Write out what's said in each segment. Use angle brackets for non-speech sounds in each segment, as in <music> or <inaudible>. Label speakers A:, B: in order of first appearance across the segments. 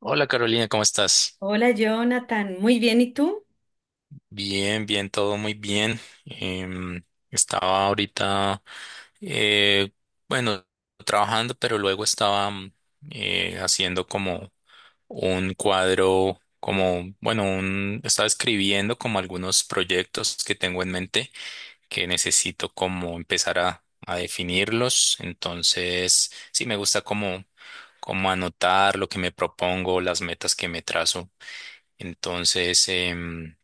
A: Hola Carolina, ¿cómo estás?
B: Hola Jonathan, muy bien, ¿y tú?
A: Bien, bien, todo muy bien. Em, Estaba ahorita, eh, bueno, trabajando, pero luego estaba haciendo como un cuadro, como, bueno, un, estaba escribiendo como algunos proyectos que tengo en mente que necesito como empezar a definirlos. Entonces, sí, me gusta como, como anotar lo que me propongo, las metas que me trazo. Entonces,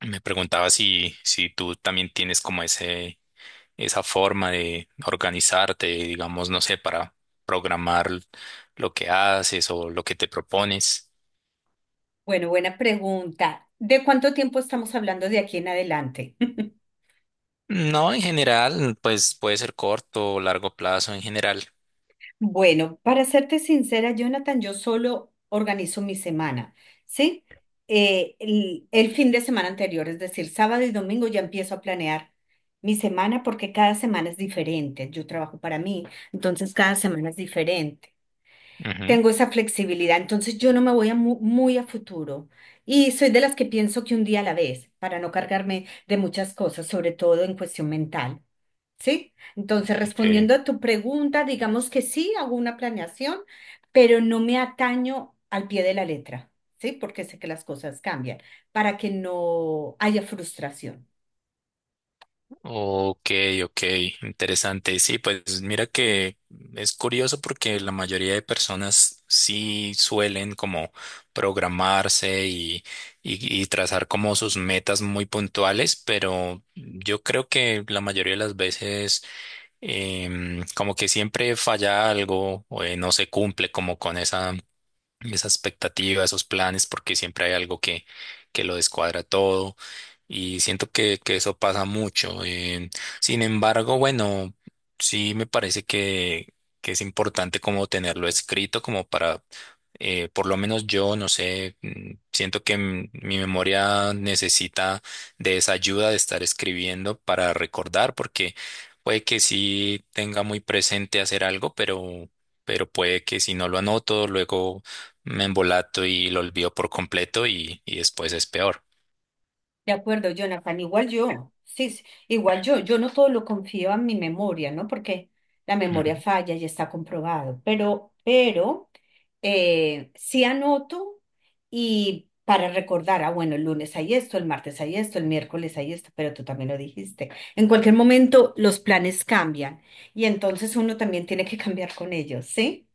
A: me preguntaba si tú también tienes como ese, esa forma de organizarte, digamos, no sé, para programar lo que haces o lo que te propones.
B: Bueno, buena pregunta. ¿De cuánto tiempo estamos hablando de aquí en adelante? <laughs>
A: No, en general, pues puede ser corto o largo plazo en general.
B: Bueno, para serte sincera, Jonathan, yo solo organizo mi semana, ¿sí? El fin de semana anterior, es decir, sábado y domingo ya empiezo a planear mi semana porque cada semana es diferente. Yo trabajo para mí, entonces cada semana es diferente.
A: Ujú,
B: Tengo esa flexibilidad, entonces yo no me voy a muy a futuro y soy de las que pienso que un día a la vez, para no cargarme de muchas cosas, sobre todo en cuestión mental, ¿sí? Entonces,
A: ok.
B: respondiendo a tu pregunta, digamos que sí, hago una planeación, pero no me ataño al pie de la letra, ¿sí? Porque sé que las cosas cambian, para que no haya frustración.
A: Ok, ok, interesante. Sí, pues mira que es curioso porque la mayoría de personas sí suelen como programarse y trazar como sus metas muy puntuales, pero yo creo que la mayoría de las veces como que siempre falla algo o no se cumple como con esa esa expectativa, esos planes, porque siempre hay algo que lo descuadra todo y siento que eso pasa mucho. Sin embargo, bueno, sí me parece que es importante como tenerlo escrito, como para, por lo menos yo, no sé, siento que mi memoria necesita de esa ayuda de estar escribiendo para recordar, porque puede que sí tenga muy presente hacer algo, pero... Pero puede que si no lo anoto, luego me embolato y lo olvido por completo y después es peor.
B: De acuerdo, Jonathan, igual yo, sí, sí, igual yo, yo no todo lo confío a mi memoria, ¿no? Porque la
A: Ujú.
B: memoria falla y está comprobado, pero sí anoto y para recordar, ah, bueno, el lunes hay esto, el martes hay esto, el miércoles hay esto, pero tú también lo dijiste. En cualquier momento los planes cambian y entonces uno también tiene que <laughs> cambiar con ellos, ¿sí?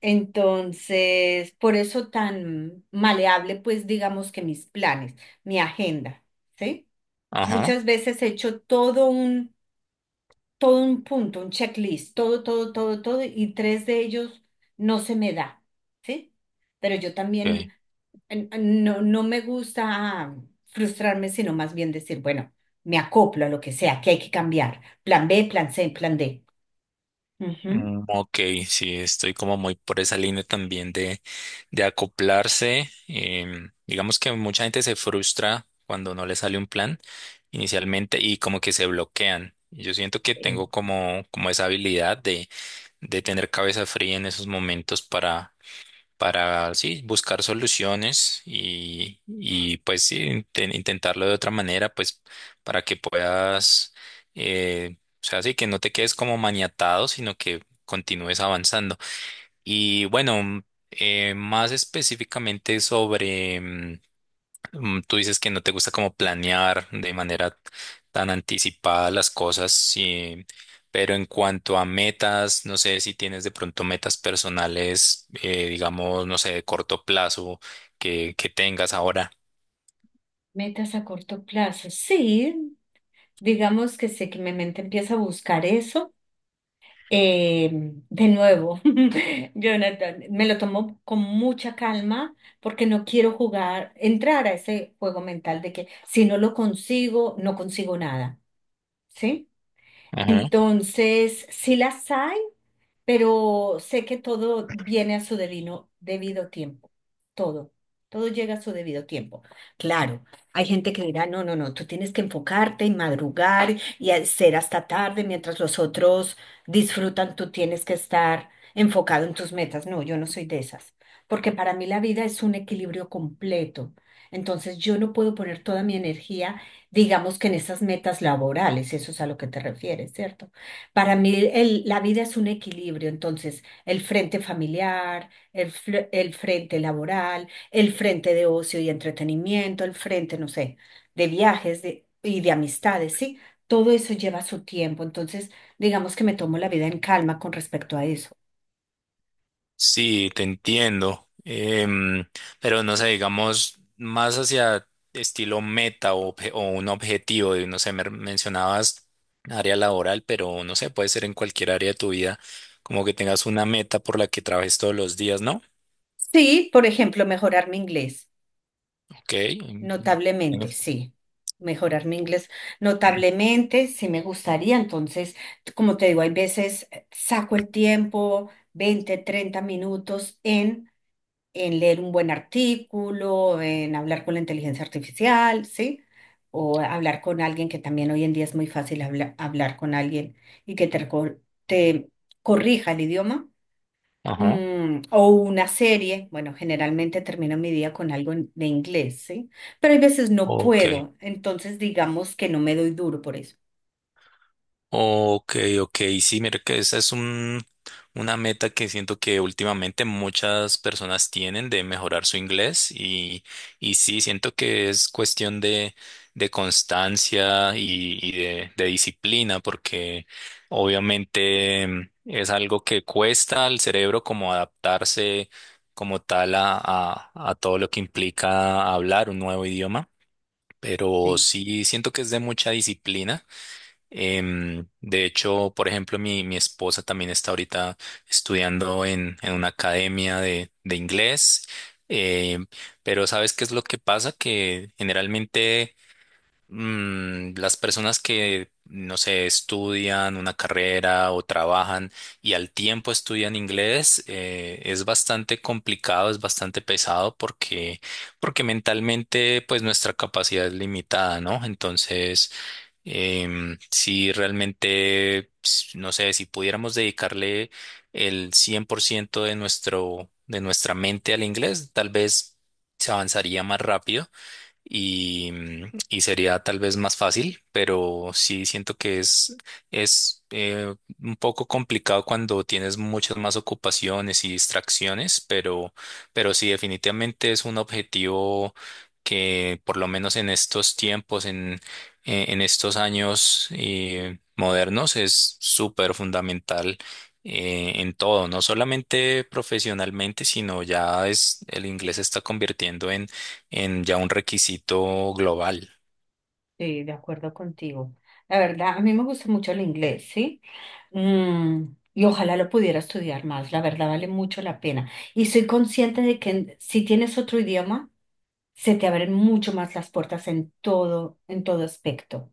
B: Entonces, por eso tan maleable, pues digamos que mis planes, mi agenda, ¿sí?
A: Ajá.
B: Muchas veces he hecho todo un punto, un checklist, todo, todo, todo, todo, y tres de ellos no se me da, ¿sí? Pero yo
A: Okay.
B: también no, no me gusta frustrarme, sino más bien decir, bueno, me acoplo a lo que sea, que hay que cambiar. Plan B, plan C, plan D. Ujú.
A: Mm, ok, sí, estoy como muy por esa línea también de acoplarse. Em, digamos que mucha gente se frustra cuando no le sale un plan inicialmente y como que se bloquean. Y yo siento que
B: Eh,
A: tengo como, como esa habilidad de tener cabeza fría en esos momentos para, sí, buscar soluciones y pues sí, intentarlo de otra manera, pues para que puedas, o sea, sí, que no te quedes como maniatado, sino que continúes avanzando. Y bueno, más específicamente sobre... Tú dices que no te gusta como planear de manera tan anticipada las cosas, sí, pero en cuanto a metas, no sé si tienes de pronto metas personales, digamos, no sé, de corto plazo que tengas ahora.
B: Metas a corto plazo, sí. Digamos que sé que mi mente empieza a buscar eso. eh, de nuevo, <laughs> Jonathan, me lo tomo con mucha calma porque no quiero jugar, entrar a ese juego mental de que si no lo consigo, no consigo nada, ¿sí? Entonces, si las hay, pero sé que todo viene a su debido tiempo, todo, todo llega a su debido tiempo. Claro, hay gente que dirá, no, no, no, tú tienes que enfocarte y madrugar y hacer hasta tarde mientras los otros disfrutan, tú tienes que estar enfocado en tus metas. No, yo no soy de esas, porque para mí la vida es un equilibrio completo. Entonces yo no puedo poner toda mi energía, digamos que en esas metas laborales, eso es a lo que te refieres, ¿cierto? Para mí, la vida es un equilibrio, entonces, el frente familiar, el frente laboral, el frente de ocio y entretenimiento, el frente, no sé, de viajes y de amistades, ¿sí? Todo eso lleva su tiempo, entonces, digamos que me tomo la vida en calma con respecto a eso.
A: Sí, te entiendo. Em, pero no sé, digamos, más hacia estilo meta o un objetivo, y no sé, me mencionabas área laboral, pero no sé, puede ser en cualquier área de tu vida, como que tengas una meta por la que trabajes todos los días, ¿no?
B: Sí, por ejemplo, mejorar mi inglés.
A: Ok. En-
B: Notablemente, sí. Mejorar mi inglés notablemente, sí me gustaría. Entonces, como te digo, hay veces saco el tiempo, 20, 30 minutos en leer un buen artículo, en hablar con la inteligencia artificial, ¿sí? O hablar con alguien que también hoy en día es muy fácil hablar con alguien y que te corrija el idioma.
A: Ajá.
B: Mm, o una serie, bueno, generalmente termino mi día con algo de inglés, ¿sí? Pero hay veces no
A: Ok.
B: puedo, entonces digamos que no me doy duro por eso.
A: Ok, ok, sí, mira que esa es una meta que siento que últimamente muchas personas tienen de mejorar su inglés y sí, siento que es cuestión de constancia y de disciplina porque obviamente es algo que cuesta al cerebro como adaptarse como tal a todo lo que implica hablar un nuevo idioma, pero
B: Sí,
A: sí siento que es de mucha disciplina. Em, de hecho, por ejemplo, mi esposa también está ahorita estudiando en una academia de inglés, em, pero ¿sabes qué es lo que pasa? Que generalmente las personas que, no sé, estudian una carrera o trabajan y al tiempo estudian inglés, es bastante complicado, es bastante pesado porque, porque mentalmente, pues nuestra capacidad es limitada, ¿no? Entonces... Em, si realmente, ps, no sé, si pudiéramos dedicarle el 100% de nuestro, de nuestra mente al inglés, tal vez se avanzaría más rápido y, y sería tal vez más fácil, pero sí siento que es, es un poco complicado cuando tienes muchas más ocupaciones y distracciones, pero sí definitivamente es un objetivo que por lo menos en estos tiempos, en estos años modernos, es súper fundamental. En todo, no solamente profesionalmente, sino ya es el inglés se está convirtiendo en ya un requisito global.
B: sí, de acuerdo contigo. La verdad, a mí me gusta mucho el inglés, ¿sí? Mm, y ojalá lo pudiera estudiar más, la verdad vale mucho la pena. Y soy consciente de que si tienes otro idioma, se te abren mucho más las puertas en todo aspecto.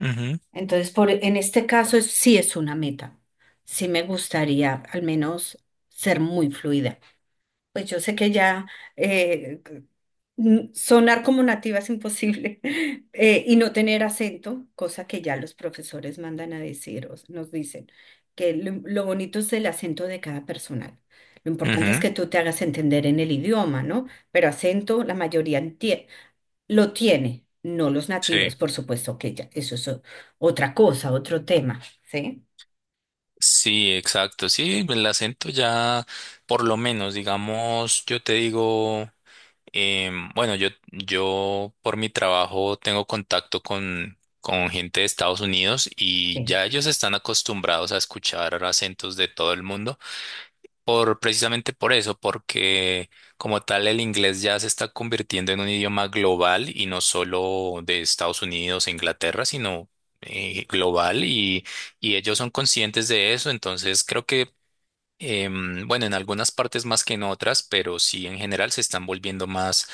A: Ujú,
B: Entonces, por, en este caso sí es una meta. Sí me gustaría al menos ser muy fluida. Pues yo sé que ya eh, sonar como nativa es imposible <laughs> y no tener acento, cosa que ya los profesores mandan a decir o nos dicen, que lo bonito es el acento de cada persona. Lo importante es
A: ujú.
B: que tú te hagas entender en el idioma, ¿no? Pero acento la mayoría lo tiene, no los nativos,
A: Sí.
B: por supuesto que ya, eso es otra cosa, otro tema, ¿sí?
A: Sí, exacto. Sí, el acento ya, por lo menos, digamos, yo te digo, bueno, yo por mi trabajo tengo contacto con gente de Estados Unidos y ya ellos están acostumbrados a escuchar acentos de todo el mundo. Por, precisamente por eso, porque como tal el inglés ya se está convirtiendo en un idioma global y no solo de Estados Unidos e Inglaterra, sino global y ellos son conscientes de eso, entonces creo que bueno, en algunas partes más que en otras, pero sí en general se están volviendo más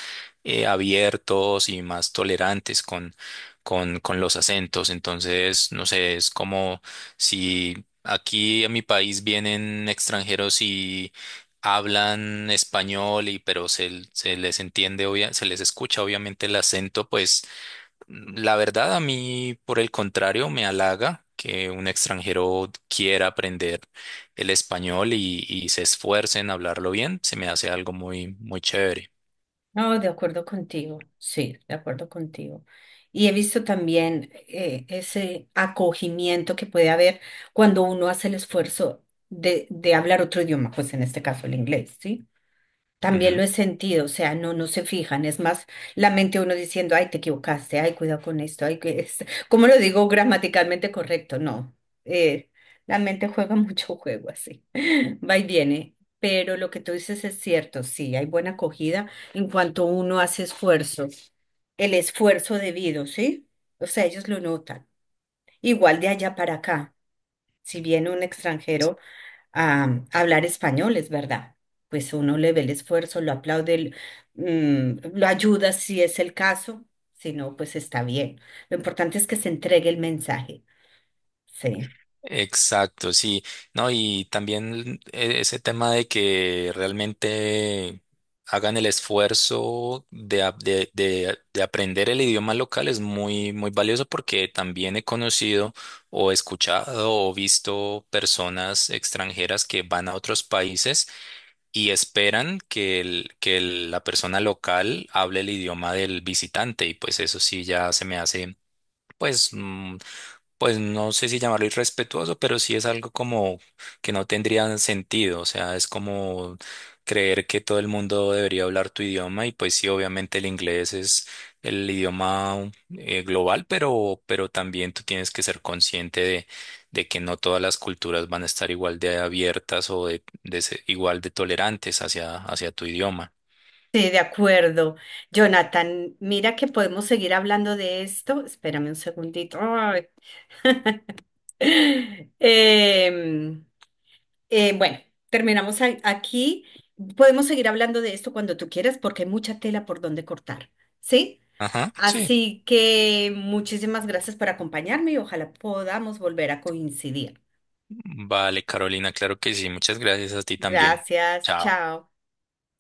A: abiertos y más tolerantes con los acentos. Entonces, no sé, es como si aquí a mi país vienen extranjeros y hablan español y pero se les entiende, se les escucha obviamente el acento, pues la verdad, a mí, por el contrario, me halaga que un extranjero quiera aprender el español y se esfuerce en hablarlo bien. Se me hace algo muy, muy chévere.
B: No, de acuerdo contigo, sí, de acuerdo contigo. Y he visto también ese acogimiento que puede haber cuando uno hace el esfuerzo de hablar otro idioma, pues en este caso el inglés, ¿sí? También lo he sentido, o sea, no, no se fijan, es más la mente uno diciendo, ay, te equivocaste, ay, cuidado con esto, ay, que es, <laughs> ¿cómo lo digo gramaticalmente correcto? No, eh, la mente juega <laughs> mucho juego así. Va y viene, pero lo que tú dices es cierto, sí, hay buena acogida en cuanto uno hace esfuerzo, el esfuerzo debido, ¿sí? O sea, ellos lo notan. Igual de allá para acá, si viene un extranjero a hablar español, es verdad, pues uno le ve el esfuerzo, lo aplaude, lo ayuda si es el caso, si no, pues está bien. Lo importante es que se entregue el mensaje, sí.
A: Exacto, sí. No, y también ese tema de que realmente hagan el esfuerzo de, a- de, de aprender el idioma local es muy, muy valioso porque también he conocido o escuchado o visto personas extranjeras que van a otros países y esperan la persona local hable el idioma del visitante y pues eso sí ya se me hace pues pues no sé si llamarlo irrespetuoso, pero sí es algo como que no tendría sentido, o sea, es como creer que todo el mundo debería hablar tu idioma y pues sí, obviamente el inglés es el idioma global, pero también tú tienes que ser consciente de que no todas las culturas van a estar igual de abiertas o de ser igual de tolerantes hacia, hacia tu idioma.
B: Sí, de acuerdo. Jonathan, mira que podemos seguir hablando de esto. Espérame un segundito. Ay. <laughs> Em, bueno, terminamos aquí. Podemos seguir hablando de esto cuando tú quieras porque hay mucha tela por donde cortar, ¿sí?
A: Ajá, sí.
B: Así que muchísimas gracias por acompañarme y ojalá podamos volver a coincidir.
A: Vale, Carolina, claro que sí. Muchas gracias a ti también.
B: Gracias,
A: Chao.
B: chao.